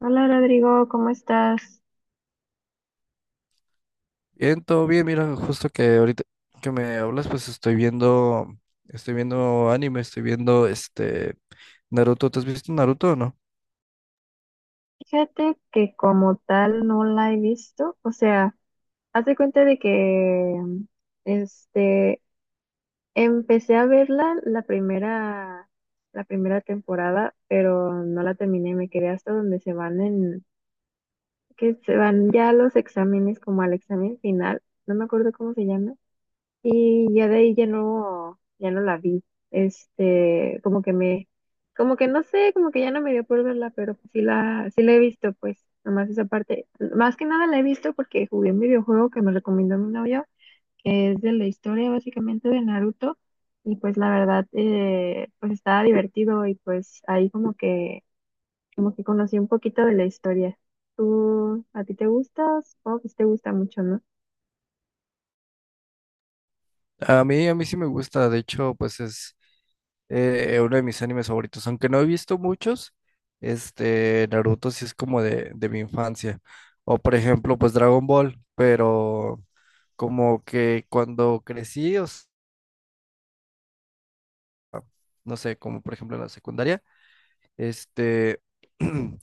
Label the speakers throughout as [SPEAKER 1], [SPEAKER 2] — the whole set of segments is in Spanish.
[SPEAKER 1] Hola Rodrigo, ¿cómo estás?
[SPEAKER 2] Bien, todo bien, mira, justo que ahorita que me hablas, pues estoy viendo anime, estoy viendo Naruto. ¿Te has visto Naruto o no?
[SPEAKER 1] Fíjate que como tal no la he visto, o sea, haz de cuenta de que este empecé a verla la primera temporada, pero no la terminé, me quedé hasta donde se van en que se van ya los exámenes como al examen final, no me acuerdo cómo se llama. Y ya de ahí ya no, ya no la vi. Este, como que me, como que no sé, como que ya no me dio por verla, pero pues sí la, sí la he visto, pues, nomás esa parte. Más que nada la he visto porque jugué un videojuego que me recomendó mi novio, que es de la historia básicamente de Naruto. Y pues la verdad, pues estaba divertido y pues ahí como que conocí un poquito de la historia. ¿Tú, a ti te gusta? Supongo que sí te gusta mucho, ¿no?
[SPEAKER 2] A mí sí me gusta, de hecho, pues es uno de mis animes favoritos, aunque no he visto muchos, Naruto sí es como de mi infancia. O por ejemplo, pues Dragon Ball, pero como que cuando crecí, no sé, como por ejemplo en la secundaria, este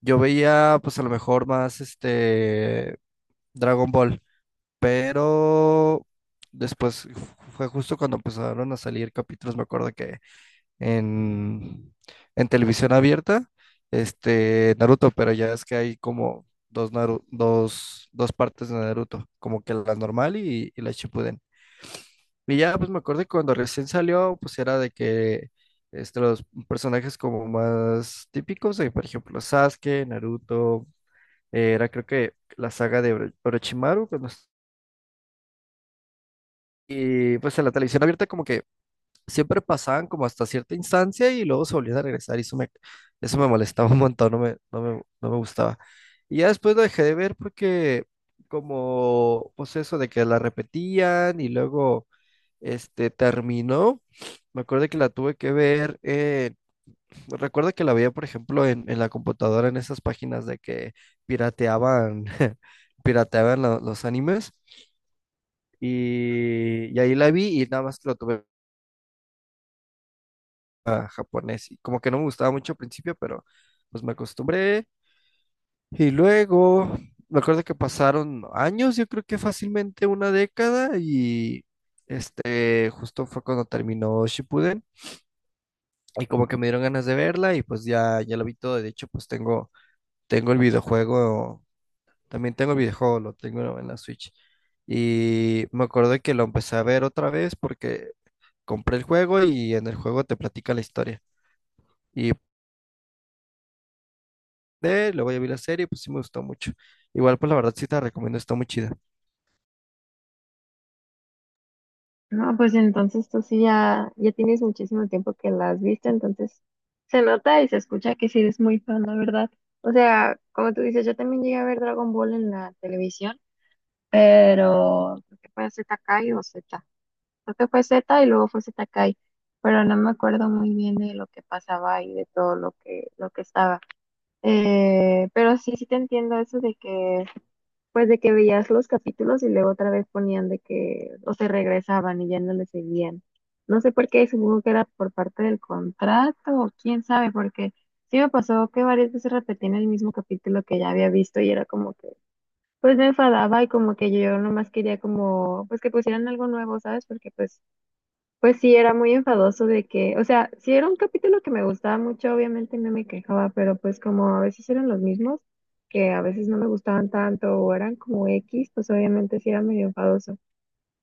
[SPEAKER 2] yo veía, pues a lo mejor más Dragon Ball, pero después fue justo cuando empezaron a salir capítulos, me acuerdo que en, en televisión abierta, Naruto, pero ya es que hay como dos, dos, dos partes de Naruto, como que la normal y la Shippuden. Y ya, pues me acuerdo que cuando recién salió, pues era de que los personajes como más típicos, de, por ejemplo, Sasuke, Naruto. Era creo que la saga de Orochimaru. Y pues en la televisión abierta como que siempre pasaban como hasta cierta instancia y luego se volvían a regresar y eso me molestaba un montón, no me gustaba. Y ya después lo dejé de ver porque como pues eso de que la repetían y luego terminó. Me acuerdo que la tuve que ver, recuerdo que la veía, por ejemplo, en la computadora, en esas páginas de que pirateaban, pirateaban los animes. Y ahí la vi y nada más lo tuve a japonés. Y como que no me gustaba mucho al principio, pero pues me acostumbré. Y luego me acuerdo que pasaron años, yo creo que fácilmente una década. Y justo fue cuando terminó Shippuden. Y como que me dieron ganas de verla y pues ya, ya lo vi todo. De hecho, pues tengo, tengo el videojuego, también tengo el videojuego, lo tengo en la Switch. Y me acuerdo que lo empecé a ver otra vez porque compré el juego y en el juego te platica la historia. Y luego ya vi la serie, pues sí me gustó mucho. Igual, pues la verdad sí te la recomiendo, está muy chida.
[SPEAKER 1] No, pues entonces tú sí ya, ya tienes muchísimo tiempo que la has visto, entonces se nota y se escucha que sí eres muy fan, la verdad. O sea, como tú dices, yo también llegué a ver Dragon Ball en la televisión, pero creo que fue ZKai o Z. Creo que fue Z y luego fue Z Kai, pero no me acuerdo muy bien de lo que pasaba y de todo lo que estaba. Pero sí, sí te entiendo eso de que pues de que veías los capítulos y luego otra vez ponían de que, o se regresaban y ya no le seguían. No sé por qué, supongo que era por parte del contrato o quién sabe, porque sí me pasó que varias veces repetían el mismo capítulo que ya había visto y era como que, pues me enfadaba y como que yo nomás quería como, pues que pusieran algo nuevo, ¿sabes? Porque pues sí, era muy enfadoso de que, o sea, sí era un capítulo que me gustaba mucho, obviamente no me quejaba, pero pues como a veces eran los mismos, que a veces no me gustaban tanto o eran como X, pues obviamente sí era medio enfadoso.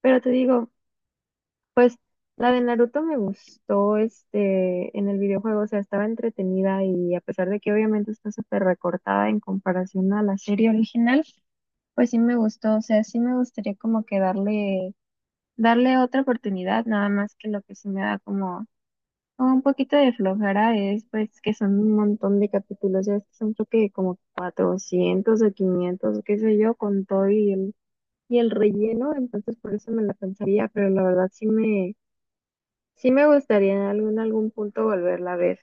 [SPEAKER 1] Pero te digo, la de Naruto me gustó este en el videojuego, o sea, estaba entretenida y a pesar de que obviamente está súper recortada en comparación a la serie original, pues sí me gustó, o sea, sí me gustaría como que darle otra oportunidad, nada más que lo que sí me da como no, un poquito de flojera es pues que son un montón de capítulos, ya son creo que como 400 o 500, qué sé yo, con todo y el relleno, entonces por eso me la pensaría, pero la verdad sí me gustaría en algún, algún punto volverla a ver.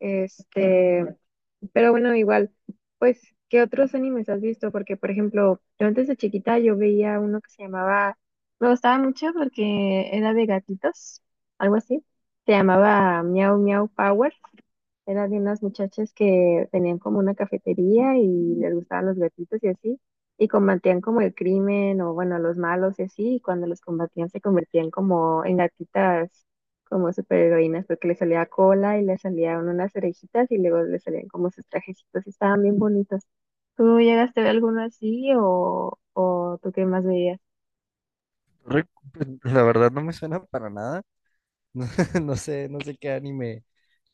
[SPEAKER 1] Este, pero bueno, igual, pues, ¿qué otros animes has visto? Porque, por ejemplo, yo antes de chiquita yo veía uno que se llamaba, me gustaba mucho porque era de gatitos, algo así, se llamaba Miau Miau Power, eran de unas muchachas que tenían como una cafetería y les gustaban los gatitos y así, y combatían como el crimen o bueno, los malos y así, y cuando los combatían se convertían como en gatitas, como superheroínas, porque les salía cola y les salían unas orejitas y luego les salían como sus trajecitos y estaban bien bonitos. ¿Tú llegaste a ver alguno así o tú qué más veías?
[SPEAKER 2] Rick, pues, la verdad no me suena para nada. No, no sé,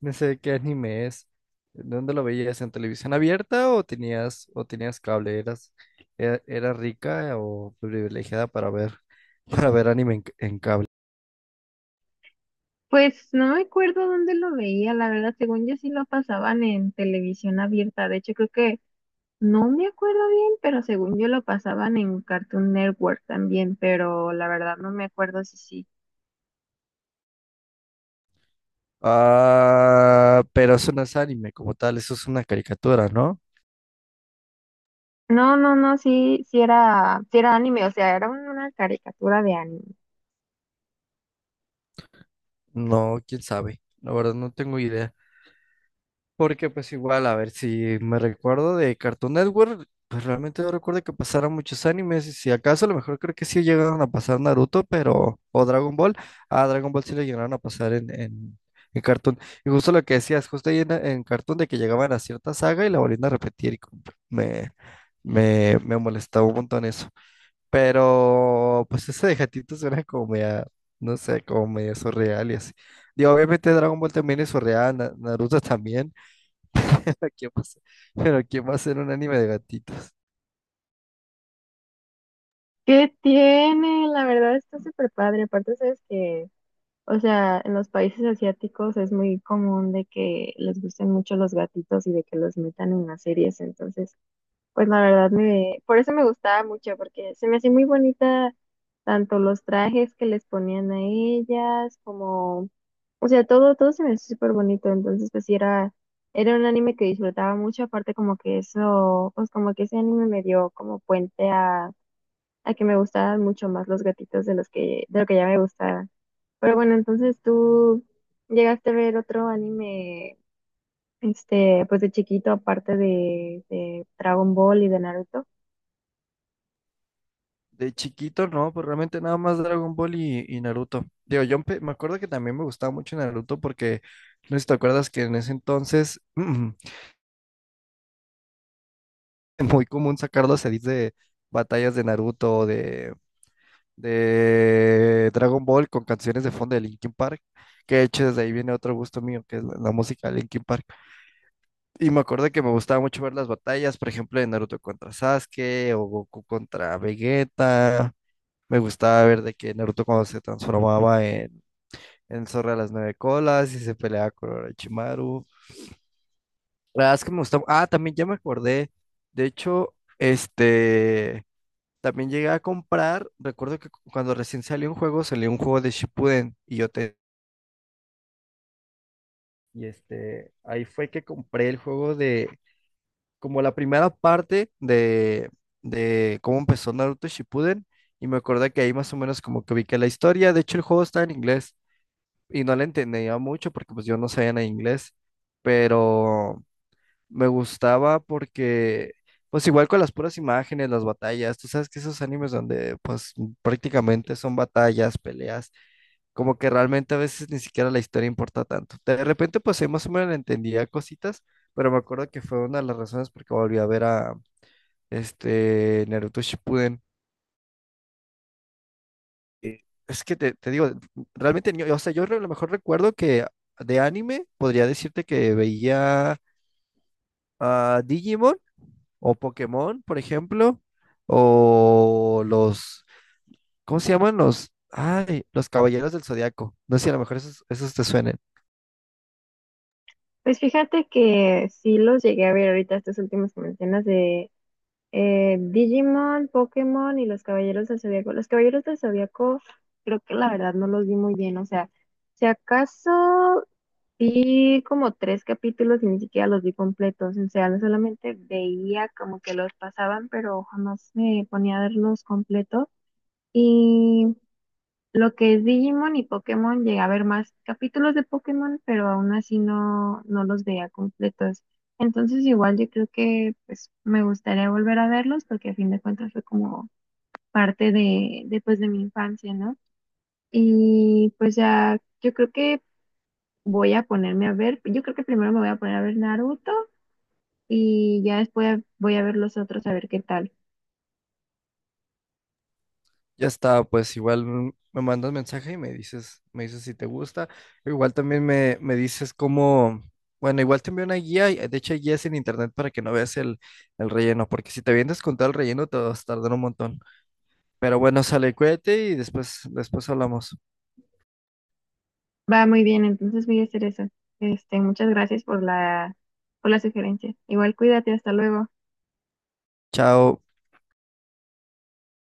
[SPEAKER 2] no sé qué anime es. ¿Dónde lo veías? ¿En televisión abierta o tenías cable? ¿Eras, eras rica o privilegiada para ver, para ver anime en cable?
[SPEAKER 1] Pues no me acuerdo dónde lo veía, la verdad, según yo sí lo pasaban en televisión abierta, de hecho creo que no me acuerdo bien, pero según yo lo pasaban en Cartoon Network también, pero la verdad no me acuerdo si sí.
[SPEAKER 2] Ah, pero eso no es anime como tal, eso es una caricatura, ¿no?
[SPEAKER 1] No, no, no, sí, sí era anime, o sea, era un- una caricatura de anime.
[SPEAKER 2] No, quién sabe. La verdad no tengo idea. Porque pues igual, a ver, si me recuerdo de Cartoon Network, pues realmente no recuerdo que pasaran muchos animes. Y si acaso, a lo mejor creo que sí llegaron a pasar Naruto, pero... O Dragon Ball. Ah, Dragon Ball sí lo llegaron a pasar en Cartoon. Y justo lo que decías, justo ahí en Cartoon de que llegaban a cierta saga y la volvían a repetir. Y como me, me molestaba un montón eso. Pero pues ese de gatito suena como media, no sé, como medio surreal y así. Digo, obviamente Dragon Ball también es surreal, Naruto también. Pero ¿quién va a ser- pero ¿quién va a hacer un anime de gatitos?
[SPEAKER 1] ¿Qué tiene? La verdad está súper padre. Aparte, sabes que, o sea, en los países asiáticos es muy común de que les gusten mucho los gatitos y de que los metan en las series, entonces pues la verdad me, por eso me gustaba mucho, porque se me hacía muy bonita tanto los trajes que les ponían a ellas, como, o sea, todo, todo se me hacía súper bonito, entonces pues sí era, era un anime que disfrutaba mucho, aparte como que eso, pues como que ese anime me dio como puente a que me gustaban mucho más los gatitos de los que, de lo que ya me gustaban. Pero bueno, entonces tú llegaste a ver otro anime, este, pues de chiquito, aparte de Dragon Ball y de Naruto.
[SPEAKER 2] De chiquito, no, pues realmente nada más Dragon Ball y Naruto. Digo, me acuerdo que también me gustaba mucho Naruto porque, no sé si te acuerdas que en ese entonces muy común sacar los edits de batallas de Naruto, de Dragon Ball con canciones de fondo de Linkin Park, que de hecho desde ahí viene otro gusto mío, que es la música de Linkin Park. Y me acuerdo que me gustaba mucho ver las batallas, por ejemplo, de Naruto contra Sasuke o Goku contra Vegeta. Me gustaba ver de que Naruto cuando se transformaba en el zorro de las nueve colas y se peleaba con Orochimaru. La verdad es que me gustaba. Ah, también ya me acordé. De hecho, este... También llegué a comprar, recuerdo que cuando recién salió un juego de Shippuden y yo te... Y ahí fue que compré el juego de, como la primera parte de cómo empezó Naruto Shippuden y me acordé que ahí más o menos como que ubiqué la historia, de hecho el juego está en inglés y no la entendía mucho porque pues yo no sabía nada de inglés, pero me gustaba porque, pues igual con las puras imágenes, las batallas, tú sabes que esos animes donde pues prácticamente son batallas, peleas, como que realmente a veces ni siquiera la historia importa tanto. De repente pues ahí más o menos le entendía cositas, pero me acuerdo que fue una de las razones por que volví a ver a Naruto Shippuden. Eh, Es que te digo, realmente, o sea, yo a lo mejor recuerdo que de anime podría decirte que veía a Digimon o Pokémon, por ejemplo, o los, ¿cómo se llaman? Los, ay, los Caballeros del Zodiaco. No sé si a lo mejor esos, esos te suenen.
[SPEAKER 1] Pues fíjate que sí los llegué a ver ahorita estos últimos que mencionas de Digimon, Pokémon y los Caballeros del Zodiaco. Los Caballeros del Zodiaco creo que la verdad no los vi muy bien, o sea, si acaso vi como tres capítulos y ni siquiera los vi completos, o sea, no solamente veía como que los pasaban, pero jamás me ponía a verlos completos. Lo que es Digimon y Pokémon, llegué a ver más capítulos de Pokémon, pero aún así no, no los veía completos. Entonces igual yo creo que pues me gustaría volver a verlos porque a fin de cuentas fue como parte de, pues, de mi infancia, ¿no? Y pues ya yo creo que voy a ponerme a ver, yo creo que primero me voy a poner a ver Naruto y ya después voy a ver los otros a ver qué tal.
[SPEAKER 2] Ya está, pues igual me mandas mensaje y me dices si te gusta. Igual también me dices cómo, bueno, igual te envío una guía, de hecho hay guías en internet para que no veas el relleno, porque si te vienes con todo el relleno te vas a tardar un montón. Pero bueno, sale, cuídate y después, después hablamos.
[SPEAKER 1] Va muy bien, entonces voy a hacer eso. Este, muchas gracias por la sugerencia. Igual cuídate, hasta luego.
[SPEAKER 2] Chao.